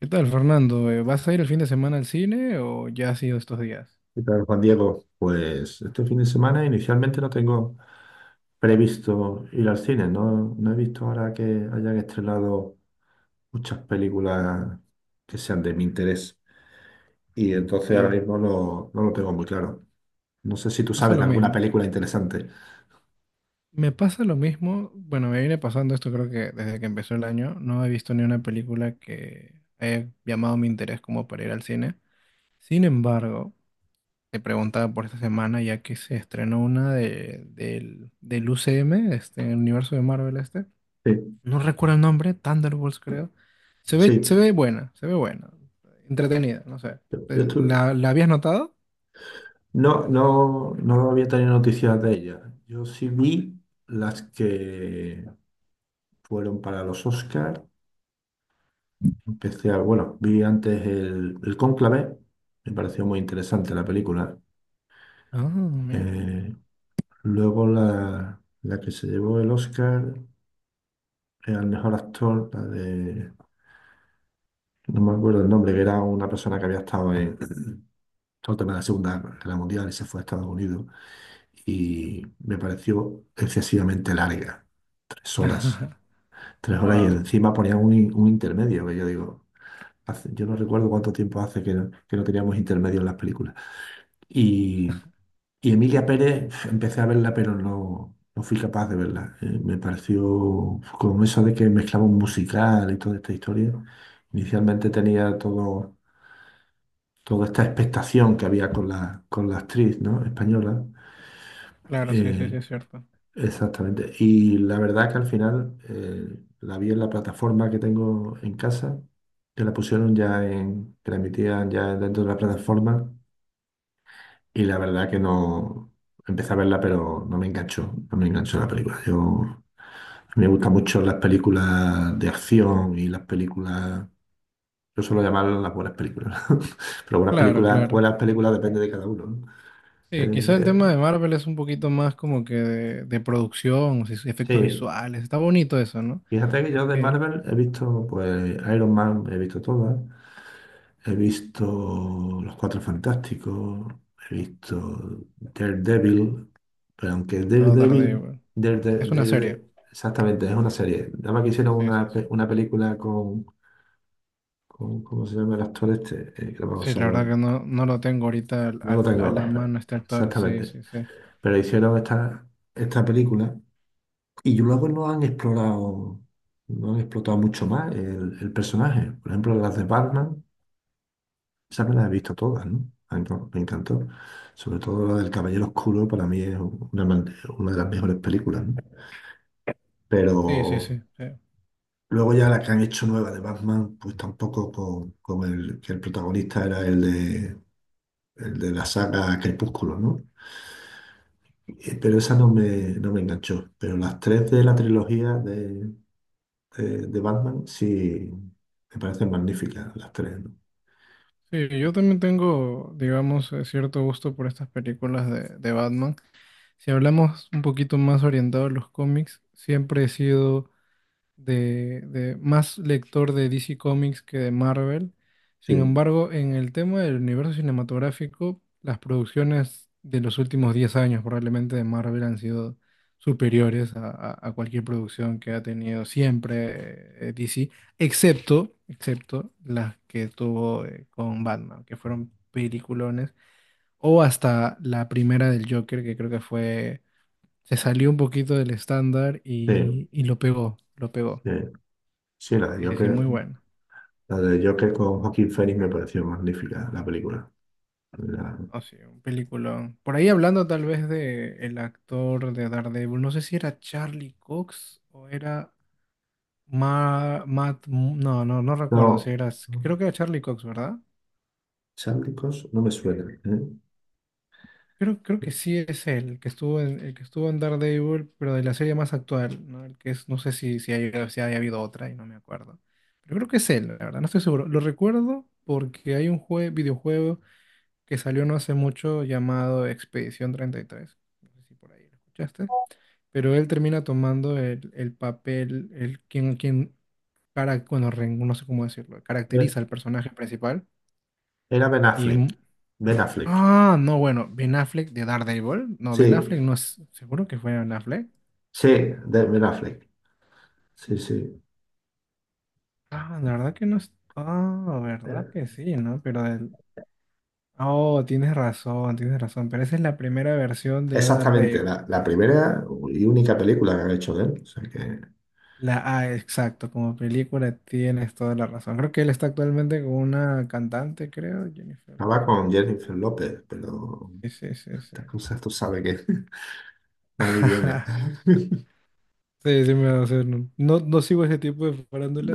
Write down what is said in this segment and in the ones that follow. ¿Qué tal, Fernando? ¿Vas a ir el fin de semana al cine o ya has ido estos días? ¿Qué tal, Juan Diego? Pues este fin de semana inicialmente no tengo previsto ir al cine, no, no he visto ahora que hayan estrenado muchas películas que sean de mi interés, y entonces ahora Sí, mismo no, no lo tengo muy claro. No sé si me tú pasa sabes de lo alguna mismo. película interesante. Me pasa lo mismo, bueno, me viene pasando esto creo que desde que empezó el año. No he visto ni una película que haya llamado mi interés como para ir al cine. Sin embargo, te preguntaba por esta semana ya que se estrenó del UCM, este, el universo de Marvel este. Sí, No recuerdo el nombre, Thunderbolts creo. Se ve, se sí. ve buena, se ve buena. Entretenida, no sé. Yo estuve, ¿La habías notado? no, no, no había tenido noticias de ella. Yo sí vi las que fueron para los Oscars. Empecé a, bueno, vi antes el Cónclave, me pareció muy interesante la película. Ah, mira. Eh, Luego la, la que se llevó el Oscar al mejor actor, la de, no me acuerdo el nombre, que era una persona que había estado en todo el tema de la Segunda Guerra Mundial y se fue a Estados Unidos. Y me pareció excesivamente larga, tres horas. Tres horas y Wow. encima ponían un intermedio, que yo digo, yo no recuerdo cuánto tiempo hace que no teníamos intermedio en las películas. Y, y Emilia Pérez, empecé a verla, pero no, no fui capaz de verla. Me pareció como eso de que mezclaba un musical y toda esta historia. Inicialmente tenía todo, toda esta expectación que había con la actriz, ¿no?, española. Claro, sí, sí, sí, Eh, es cierto. Exactamente. Y la verdad que al final la vi en la plataforma que tengo en casa, que la pusieron ya en, que la emitían ya dentro de la plataforma, y la verdad que no empecé a verla, pero no me enganchó, no me enganchó la película. Yo a mí me gustan mucho las películas de acción y las películas, yo suelo llamarlas las buenas películas, pero Claro, claro. buenas películas depende de cada uno, ¿no? Sí, Eh, quizá el tema de eh, Marvel es un poquito más como que de producción, o sí, efectos sí, visuales. Está bonito eso, ¿no? fíjate que yo de Eh, Marvel he visto pues Iron Man, he visto todas. He visto Los Cuatro Fantásticos, he visto Daredevil, pero aunque no, Daredevil, Daredevil. Es una serie. Exactamente, es una serie. Nada más que hicieron Sí, sí, una, sí. Una película con, ¿cómo se llama el actor este? Que lo Sí, vamos a la verdad hablar. que no, no lo tengo ahorita al, No lo al- tengo a la ahora, pero mano este actor. Sí, exactamente. sí, sí. Pero hicieron esta, esta película y luego no han explorado, no han explotado mucho más el personaje. Por ejemplo, las de Batman. Esa me las he visto todas, ¿no? A mí me encantó. Sobre todo la del Caballero Oscuro, para mí es una, una de las mejores películas, ¿no? Sí, sí, Pero sí. Sí, luego ya la que han hecho nueva de Batman, pues tampoco con, con el que el protagonista era el de la saga Crepúsculo, ¿no? Pero esa no me, no me enganchó. Pero las tres de la trilogía de Batman sí me parecen magníficas, las tres, ¿no? sí, yo también tengo, digamos, cierto gusto por estas películas de Batman. Si hablamos un poquito más orientado a los cómics, siempre he sido de más lector de DC Comics que de Marvel. Sin Sí, embargo, en el tema del universo cinematográfico, las producciones de los últimos 10 años probablemente de Marvel han sido superiores a cualquier producción que ha tenido siempre DC, excepto las que tuvo con Batman, que fueron peliculones, o hasta la primera del Joker, que creo que fue se salió un poquito del estándar sí, y lo pegó, lo pegó. sí, sí, la Sí, de sí, sí, Joker. muy bueno. La de Joker con Joaquín Phoenix me pareció magnífica la película. La- Oh, sí, un peliculón. Por ahí hablando tal vez de el actor de Daredevil, no sé si era Charlie Cox o era Matt, no recuerdo si no, era, creo que era Charlie Cox, ¿verdad? Sándicos no me suena, ¿eh? Creo que sí es él, el que estuvo en, el que estuvo en Daredevil, pero de la serie más actual, ¿no? El que es, no sé si haya habido otra y no me acuerdo. Pero creo que es él, la verdad, no estoy seguro. Lo recuerdo porque hay un videojuego que salió no hace mucho llamado Expedición 33. No sé si por ahí lo escuchaste. Pero él termina tomando el papel, quien para, bueno, no sé cómo decirlo, Era caracteriza al personaje principal. era Ben Y, Affleck. Ben Affleck. ah, no, bueno, Ben Affleck de Daredevil. No, Ben Sí, Affleck no es, seguro que fue Ben Affleck. sí, de Ben Affleck. Sí, sí. Ah, la verdad que no es, ah, verdad Era que sí, ¿no? Pero del, oh, tienes razón, pero esa es la primera versión de exactamente Daredevil. la, la primera y única película que han hecho de él. O sea que La A, exacto, como película tienes toda la razón. Creo que él está actualmente con una cantante, creo, Jennifer estaba López, con creo. Jennifer López, pero Sí, sí, sí, sí. estas cosas tú sabes que van y vienen. Sí, sí me va a hacer. No, no sigo ese tipo de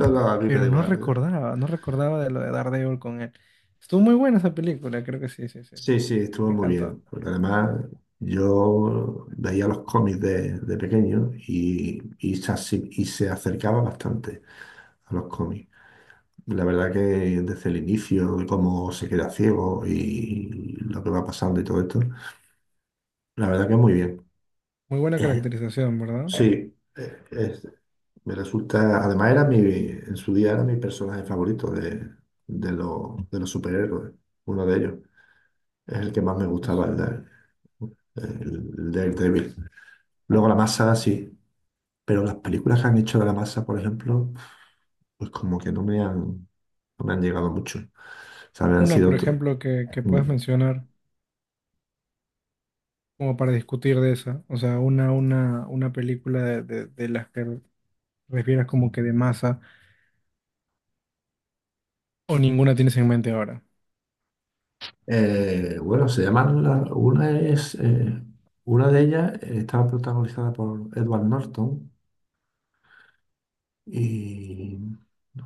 No, no, a mí me da pero no igual, ¿eh? recordaba, no recordaba de lo de Daredevil con él. Estuvo muy buena esa película, creo que sí, sí, sí, sí, Sí, sí. sí, estuvo Me muy encantó. bien. Porque además, yo veía los cómics de pequeño y, se, y se acercaba bastante a los cómics. La verdad que desde el inicio, de cómo se queda ciego y lo que va pasando y todo esto, la verdad que muy bien. Muy buena Eh, caracterización, ¿verdad? sí, me resulta, además era mi, en su día era mi personaje favorito de los superhéroes, uno de ellos. Es el que más me gustaba, Pues, el, de- el Daredevil. Luego la masa, sí. Pero las películas que han hecho de la masa, por ejemplo, pues como que no me han, no me han llegado mucho. O sea, me han una, sido por otro. ejemplo, que Mm. puedas mencionar como para discutir de esa. O sea, una película de las que refieras como que de masa o ninguna tienes en mente ahora. Bueno, se llaman una es una de ellas estaba protagonizada por Edward Norton y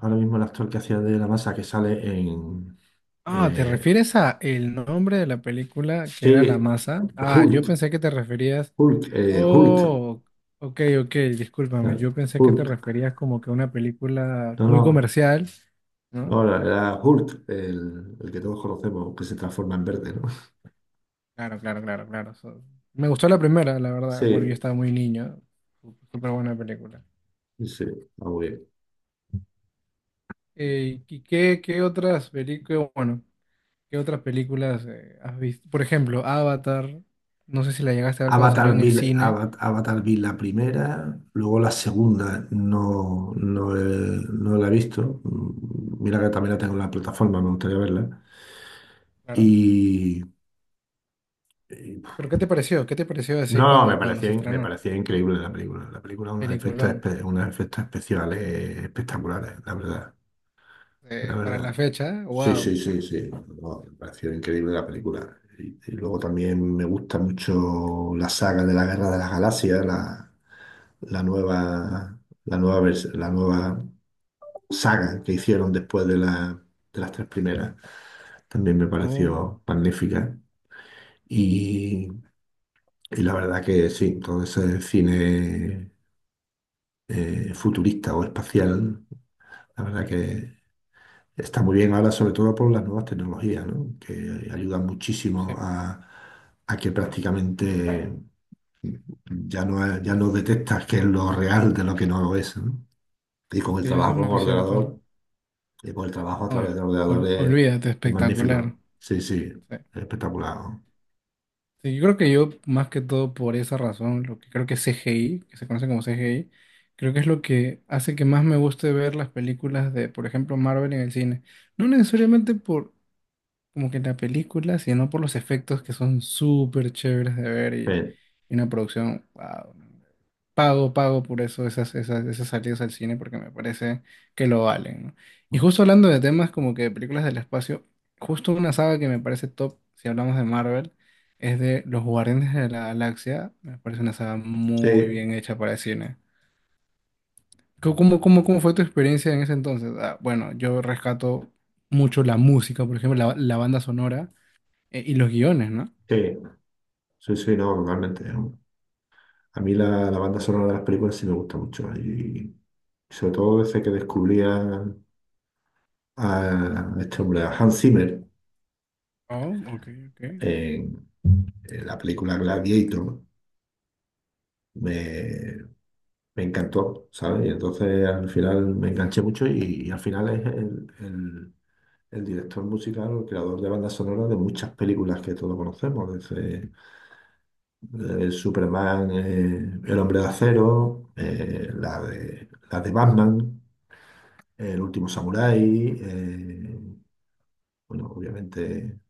ahora mismo el actor que hacía de la masa que sale en Ah, ¿te eh, refieres a el nombre de la película que era La sí, Masa? Ah, yo Hulk, pensé que te referías. Hulk, Hulk. Oh, ok, ok, discúlpame. ¿Sabes? Yo pensé que te Hulk, referías como que a una película no, muy no. comercial, No, ¿no? era era Hulk, el que todos conocemos, que se transforma en verde, ¿no? Claro, claro, claro, claro. Me gustó la primera, la verdad. Bueno, yo Sí, estaba muy niño. Súper buena película. sí, está muy bien. ¿y qué otras películas? Bueno. ¿Qué otras películas has visto? Por ejemplo, Avatar. No sé si la llegaste a ver cuando salió Avatar en vi, el cine. Avatar vi la primera, luego la segunda no, no, no la he visto. Mm, mira que también la tengo en la plataforma, me gustaría verla. Claro. Y, y, Pero ¿qué te pareció? ¿Qué te pareció así no, me cuando, cuando se parecía, me estrenó? parecía increíble la película. La película unos efectos, Peliculón. Unos efectos especiales espectaculares, la verdad, la Para la verdad. fecha, Sí, wow. sí, sí, sí. No, me pareció increíble la película. Y luego también me gusta mucho la saga de la Guerra de las Galaxias, la nueva, la nueva, la nueva saga que hicieron después de, de las tres primeras. También me Oh, pareció magnífica. Y, y la verdad que sí, todo ese cine futurista o espacial, la verdad que está muy bien ahora, sobre todo por las nuevas tecnologías, ¿no? Que ayudan muchísimo sí. A que prácticamente ya no, ya no detectas qué es lo real de lo que no lo es, ¿no? Y con el Sí, eso es trabajo muy con cierto. ordenador, y con el trabajo a A ver, través de ordenadores, olvídate, es espectacular. magnífico. Sí, sí, Sí. es espectacular, ¿no? Sí, yo creo que yo, más que todo por esa razón, lo que creo que es CGI, que se conoce como CGI, creo que es lo que hace que más me guste ver las películas de, por ejemplo, Marvel en el cine. No necesariamente por como que en la película, sino por los efectos que son súper chéveres de ver Sí, y una producción, wow, pago, pago por eso esas salidas al cine porque me parece que lo valen, ¿no? Y justo hablando de temas como que de películas del espacio, justo una saga que me parece top, si hablamos de Marvel, es de Los Guardianes de la Galaxia, me parece una saga muy sí, bien hecha para el cine. ¿Cómo fue tu experiencia en ese entonces? Ah, bueno, yo rescato mucho la música, por ejemplo, la banda sonora y los guiones, ¿no? sí, sí, sí, no, totalmente, ¿no? A mí la, la banda sonora de las películas sí me gusta mucho. Y sobre todo desde que descubría a este hombre, a Hans Zimmer, Oh, ok, ok. en, en la película Gladiator, me, me encantó, ¿sabes? Y entonces al final me enganché mucho y al final es el, el director musical o el creador de bandas sonoras de muchas películas que todos conocemos, desde Superman, El Hombre de Acero, la de Batman, El Último Samurái, bueno, obviamente.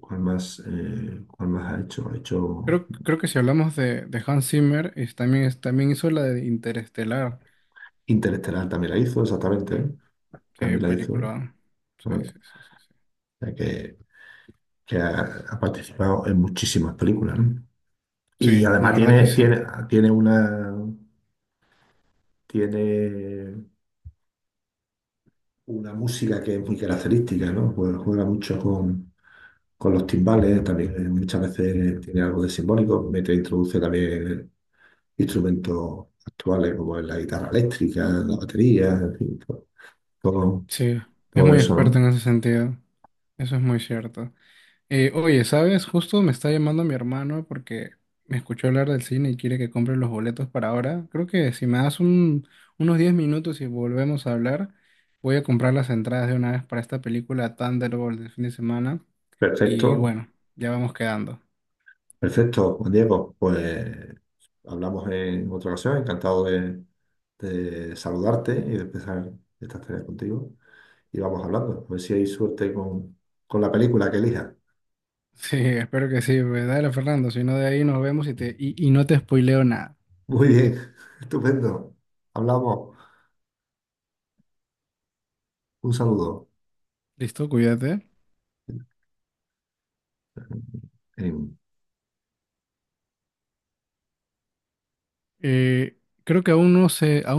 Cuál más ha hecho? Ha hecho Creo que si hablamos de Hans Zimmer, también hizo la de Interestelar. Interestelar, también la hizo, exactamente, ¿eh? Sí, También la hizo. película. Sí, ¿No? O sí, sí, sí, sí. sea que ha, ha participado en muchísimas películas, ¿no? Y Sí, la además verdad que tiene, sí. tiene, tiene una, tiene una música que es muy característica, ¿no? Pues juega mucho con los timbales, también muchas veces tiene algo de simbólico, mete, introduce también instrumentos actuales como la guitarra eléctrica, la batería, en fin, todo, todo Sí, es todo muy eso, experto en ¿no? ese sentido. Eso es muy cierto. Oye, ¿sabes? Justo me está llamando mi hermano porque me escuchó hablar del cine y quiere que compre los boletos para ahora. Creo que si me das unos 10 minutos y volvemos a hablar, voy a comprar las entradas de una vez para esta película Thunderbolt del fin de semana. Y Perfecto. bueno, ya vamos quedando. Perfecto, Juan Diego. Pues hablamos en otra ocasión. Encantado de saludarte y de empezar esta tareas contigo. Y vamos hablando. A ver si hay suerte con la película que elija. Sí, espero que sí, pues dale Fernando, si no de ahí nos vemos y, te, y no te spoileo nada. Muy bien, estupendo. Hablamos. Un saludo. Listo, cuídate. En- Eh, Creo que aún no sé,